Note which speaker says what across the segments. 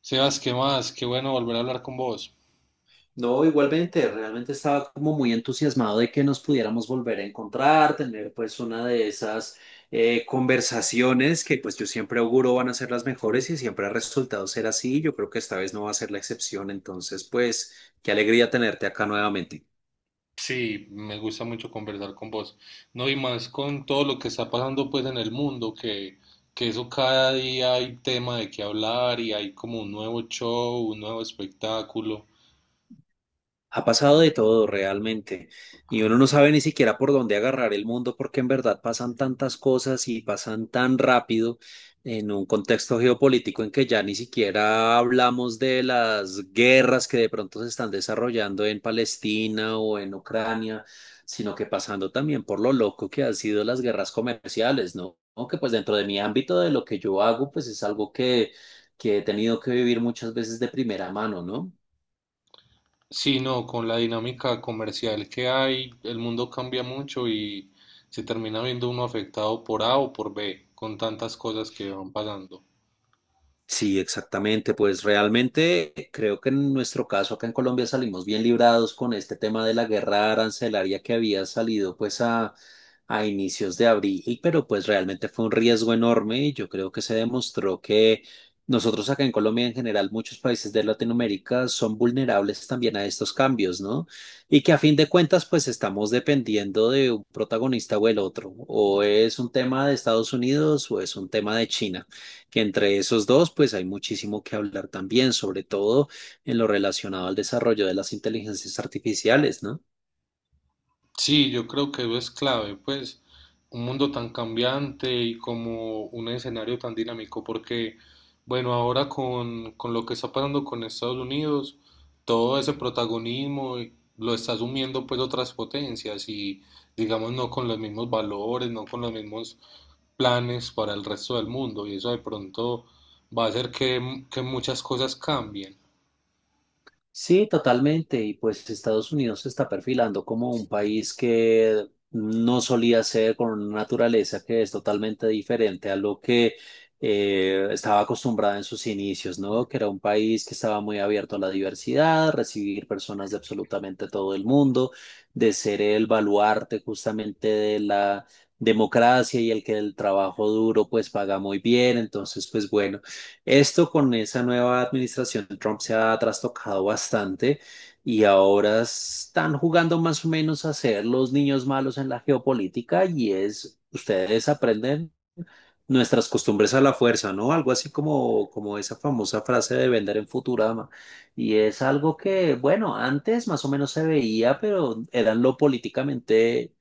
Speaker 1: Sebas, ¿qué más? Qué bueno volver a hablar con vos.
Speaker 2: No, igualmente, realmente estaba como muy entusiasmado de que nos pudiéramos volver a encontrar, tener pues una de esas conversaciones que pues yo siempre auguro van a ser las mejores y siempre ha resultado ser así. Yo creo que esta vez no va a ser la excepción, entonces pues qué alegría tenerte acá nuevamente.
Speaker 1: Sí, me gusta mucho conversar con vos. No, y más con todo lo que está pasando pues en el mundo, que eso cada día hay tema de qué hablar y hay como un nuevo show, un nuevo espectáculo.
Speaker 2: Ha pasado de todo realmente y uno no sabe ni siquiera por dónde agarrar el mundo porque en verdad pasan tantas cosas y pasan tan rápido en un contexto geopolítico en que ya ni siquiera hablamos de las guerras que de pronto se están desarrollando en Palestina o en Ucrania, sino que pasando también por lo loco que han sido las guerras comerciales, ¿no? ¿No? Que pues dentro de mi ámbito de lo que yo hago, pues es algo que he tenido que vivir muchas veces de primera mano, ¿no?
Speaker 1: Sí, no, con la dinámica comercial que hay, el mundo cambia mucho y se termina viendo uno afectado por A o por B, con tantas cosas que van pasando.
Speaker 2: Sí, exactamente. Pues realmente creo que en nuestro caso acá en Colombia salimos bien librados con este tema de la guerra arancelaria que había salido pues a inicios de abril, pero pues realmente fue un riesgo enorme y yo creo que se demostró que nosotros acá en Colombia en general, muchos países de Latinoamérica son vulnerables también a estos cambios, ¿no? Y que a fin de cuentas pues estamos dependiendo de un protagonista o el otro, o es un tema de Estados Unidos o es un tema de China que entre esos dos, pues hay muchísimo que hablar también, sobre todo en lo relacionado al desarrollo de las inteligencias artificiales, ¿no?
Speaker 1: Sí, yo creo que eso es clave, pues un mundo tan cambiante y como un escenario tan dinámico, porque bueno, ahora con lo que está pasando con Estados Unidos, todo ese protagonismo lo está asumiendo pues otras potencias y digamos no con los mismos valores, no con los mismos planes para el resto del mundo y eso de pronto va a hacer que muchas cosas cambien.
Speaker 2: Sí, totalmente. Y pues Estados Unidos se está perfilando como un país que no solía ser con una naturaleza que es totalmente diferente a lo que estaba acostumbrada en sus inicios, ¿no? Que era un país que estaba muy abierto a la diversidad, recibir personas de absolutamente todo el mundo, de ser el baluarte justamente de la democracia y el que el trabajo duro pues paga muy bien. Entonces, pues bueno. Esto con esa nueva administración de Trump se ha trastocado bastante y ahora están jugando más o menos a ser los niños malos en la geopolítica y es, ustedes aprenden nuestras costumbres a la fuerza, ¿no? Algo así como, como esa famosa frase de vender en Futurama. Y es algo que, bueno, antes más o menos se veía, pero eran lo políticamente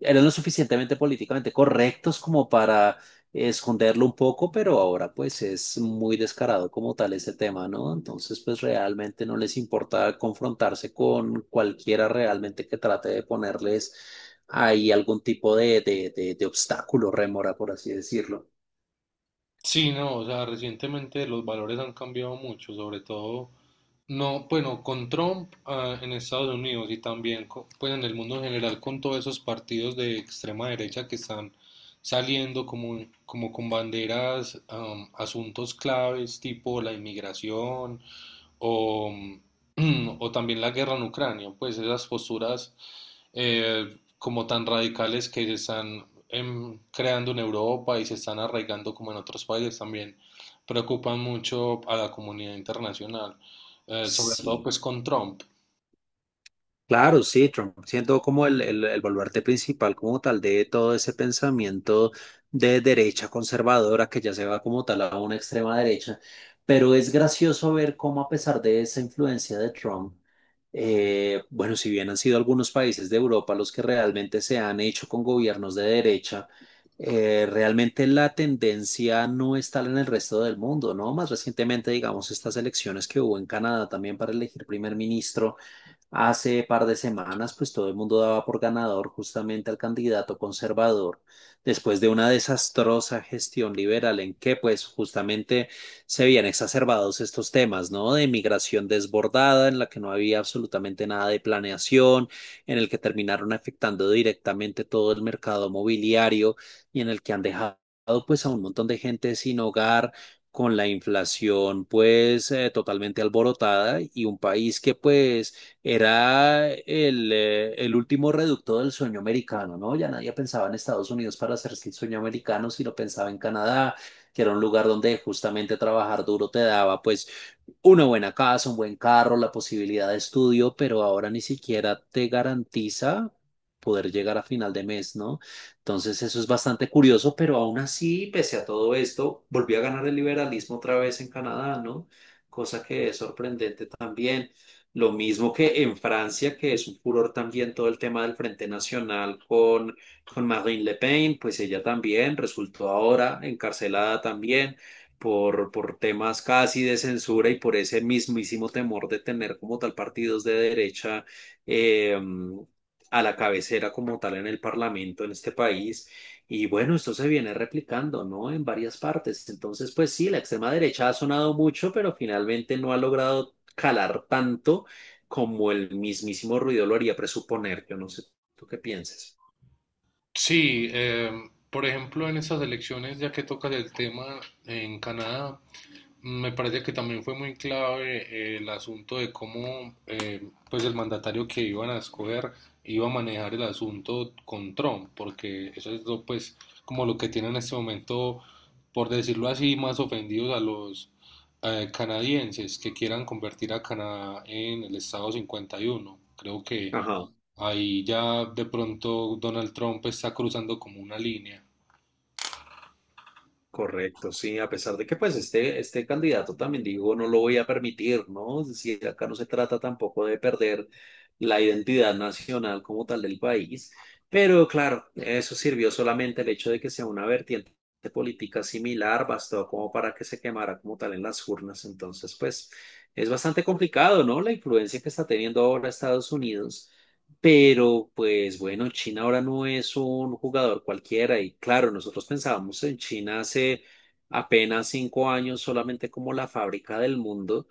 Speaker 2: eran lo suficientemente políticamente correctos como para esconderlo un poco, pero ahora pues es muy descarado como tal ese tema, ¿no? Entonces pues realmente no les importa confrontarse con cualquiera realmente que trate de ponerles ahí algún tipo de obstáculo, rémora, por así decirlo.
Speaker 1: Sí, no, o sea, recientemente los valores han cambiado mucho, sobre todo, no, bueno, con Trump en Estados Unidos y también, pues en el mundo en general, con todos esos partidos de extrema derecha que están saliendo como con banderas, asuntos claves tipo la inmigración, o, o también la guerra en Ucrania, pues esas posturas como tan radicales que se están creando en Europa y se están arraigando como en otros países también preocupan mucho a la comunidad internacional, sobre todo
Speaker 2: Sí.
Speaker 1: pues con Trump.
Speaker 2: Claro, sí, Trump siendo como el baluarte principal como tal de todo ese pensamiento de derecha conservadora que ya se va como tal a una extrema derecha, pero es gracioso ver cómo a pesar de esa influencia de Trump, bueno, si bien han sido algunos países de Europa los que realmente se han hecho con gobiernos de derecha, realmente la tendencia no está en el resto del mundo, ¿no? Más recientemente, digamos, estas elecciones que hubo en Canadá también para elegir primer ministro hace par de semanas, pues todo el mundo daba por ganador justamente al candidato conservador, después de una desastrosa gestión liberal en que, pues justamente se habían exacerbados estos temas, ¿no? De migración desbordada, en la que no había absolutamente nada de planeación, en el que terminaron afectando directamente todo el mercado mobiliario y en el que han dejado, pues, a un montón de gente sin hogar, con la inflación pues totalmente alborotada y un país que pues era el último reducto del sueño americano, ¿no? Ya nadie pensaba en Estados Unidos para hacerse el sueño americano, sino pensaba en Canadá, que era un lugar donde justamente trabajar duro te daba, pues, una buena casa, un buen carro, la posibilidad de estudio, pero ahora ni siquiera te garantiza poder llegar a final de mes, ¿no? Entonces eso es bastante curioso, pero aún así, pese a todo esto, volvió a ganar el liberalismo otra vez en Canadá, ¿no? Cosa que es sorprendente también. Lo mismo que en Francia, que es un furor también todo el tema del Frente Nacional con Marine Le Pen, pues ella también resultó ahora encarcelada también por temas casi de censura y por ese mismísimo temor de tener como tal partidos de derecha eh, a la cabecera como tal en el Parlamento en este país. Y bueno, esto se viene replicando, ¿no? En varias partes. Entonces, pues sí, la extrema derecha ha sonado mucho, pero finalmente no ha logrado calar tanto como el mismísimo ruido lo haría presuponer. Yo no sé tú qué piensas.
Speaker 1: Sí, por ejemplo, en esas elecciones, ya que tocas el tema en Canadá, me parece que también fue muy clave el asunto de cómo pues el mandatario que iban a escoger iba a manejar el asunto con Trump, porque eso es lo, pues como lo que tienen en este momento, por decirlo así, más ofendidos a los canadienses que quieran convertir a Canadá en el Estado 51. Creo que
Speaker 2: Ajá.
Speaker 1: ahí ya de pronto Donald Trump está cruzando como una línea.
Speaker 2: Correcto, sí, a pesar de que pues este candidato también dijo no lo voy a permitir, ¿no? Es decir, acá no se trata tampoco de perder la identidad nacional como tal del país, pero claro, eso sirvió solamente el hecho de que sea una vertiente política similar, bastó como para que se quemara como tal en las urnas, entonces pues es bastante complicado, ¿no? La influencia que está teniendo ahora Estados Unidos, pero pues bueno, China ahora no es un jugador cualquiera y claro, nosotros pensábamos en China hace apenas 5 años solamente como la fábrica del mundo,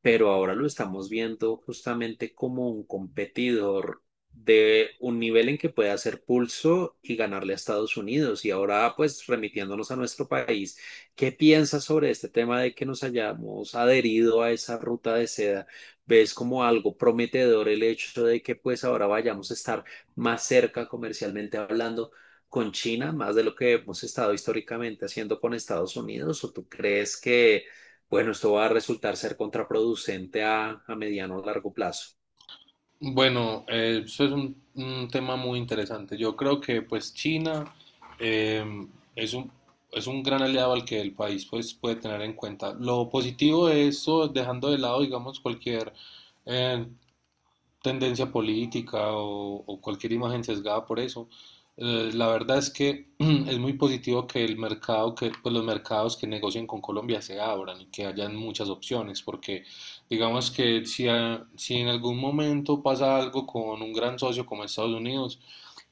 Speaker 2: pero ahora lo estamos viendo justamente como un competidor de un nivel en que puede hacer pulso y ganarle a Estados Unidos. Y ahora, pues, remitiéndonos a nuestro país, ¿qué piensas sobre este tema de que nos hayamos adherido a esa ruta de seda? ¿Ves como algo prometedor el hecho de que, pues, ahora vayamos a estar más cerca comercialmente hablando con China, más de lo que hemos estado históricamente haciendo con Estados Unidos, o tú crees que bueno, esto va a resultar ser contraproducente a mediano o largo plazo?
Speaker 1: Bueno, eso es un tema muy interesante. Yo creo que pues China eh, es es un gran aliado al que el país pues puede tener en cuenta. Lo positivo de eso, dejando de lado digamos cualquier eh, tendencia política o cualquier imagen sesgada por eso. La verdad es que es muy positivo que el mercado, que pues los mercados que negocien con Colombia se abran y que hayan muchas opciones, porque digamos que si, si en algún momento pasa algo con un gran socio como Estados Unidos,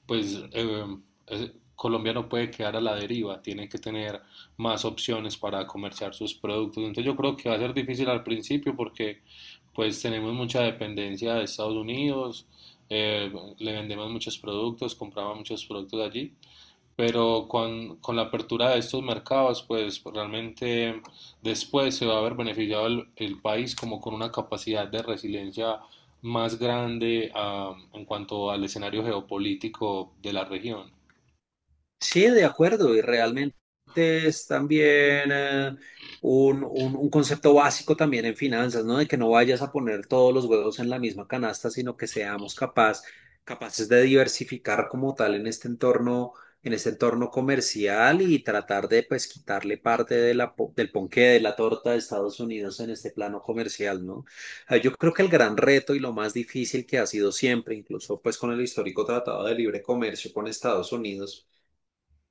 Speaker 1: pues Colombia no puede quedar a la deriva, tiene que tener más opciones para comerciar sus productos. Entonces yo creo que va a ser difícil al principio porque pues tenemos mucha dependencia de Estados Unidos, eh, le vendemos muchos productos, compramos muchos productos allí pero con la apertura de estos mercados, pues realmente después se va a ver beneficiado el país como con una capacidad de resiliencia más grande en cuanto al escenario geopolítico de la región.
Speaker 2: Sí, de acuerdo, y realmente es también un, un concepto básico también en finanzas, ¿no? De que no vayas a poner todos los huevos en la misma canasta, sino que seamos capaces de diversificar como tal en este entorno comercial y tratar de pues quitarle parte de la, del ponqué de la torta de Estados Unidos en este plano comercial, ¿no? Yo creo que el gran reto y lo más difícil que ha sido siempre, incluso pues con el histórico Tratado de Libre Comercio con Estados Unidos,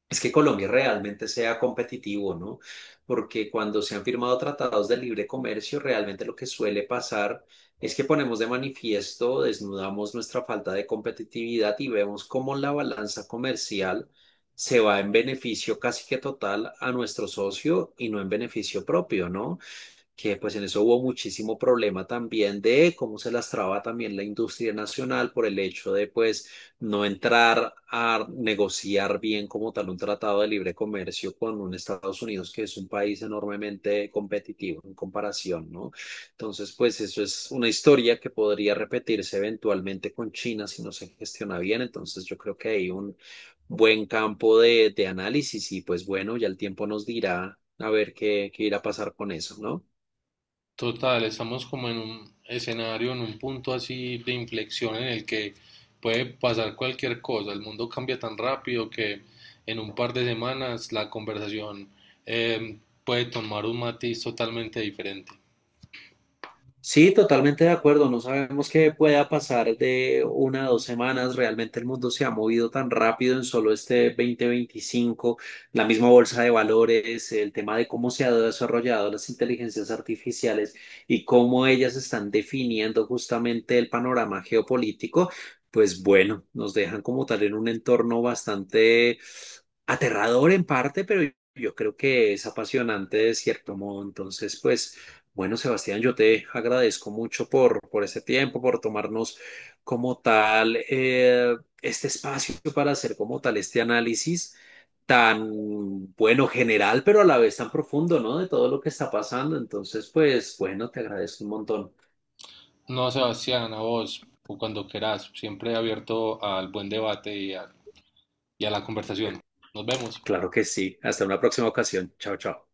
Speaker 2: es que Colombia realmente sea competitivo, ¿no? Porque cuando se han firmado tratados de libre comercio, realmente lo que suele pasar es que ponemos de manifiesto, desnudamos nuestra falta de competitividad y vemos cómo la balanza comercial se va en beneficio casi que total a nuestro socio y no en beneficio propio, ¿no? Que pues en eso hubo muchísimo problema también de cómo se lastraba también la industria nacional por el hecho de pues no entrar a negociar bien como tal un tratado de libre comercio con un Estados Unidos que es un país enormemente competitivo en comparación, ¿no? Entonces pues eso es una historia que podría repetirse eventualmente con China si no se gestiona bien, entonces yo creo que hay un buen campo de análisis y pues bueno, ya el tiempo nos dirá a ver qué, qué irá a pasar con eso, ¿no?
Speaker 1: Total, estamos como en un escenario, en un punto así de inflexión en el que puede pasar cualquier cosa. El mundo cambia tan rápido que en un par de semanas la conversación eh, puede tomar un matiz totalmente diferente.
Speaker 2: Sí, totalmente de acuerdo. No sabemos qué pueda pasar de una a 2 semanas. Realmente el mundo se ha movido tan rápido en solo este 2025. La misma bolsa de valores, el tema de cómo se han desarrollado las inteligencias artificiales y cómo ellas están definiendo justamente el panorama geopolítico. Pues bueno, nos dejan como tal en un entorno bastante aterrador en parte, pero yo creo que es apasionante de cierto modo. Entonces, pues, bueno, Sebastián, yo te agradezco mucho por este tiempo, por tomarnos como tal este espacio para hacer como tal este análisis tan bueno general, pero a la vez tan profundo, ¿no? De todo lo que está pasando. Entonces, pues, bueno, te agradezco un montón.
Speaker 1: No, Sebastián, a vos, o cuando querás, siempre abierto al buen debate y a la conversación. Nos vemos.
Speaker 2: Claro que sí. Hasta una próxima ocasión. Chao, chao.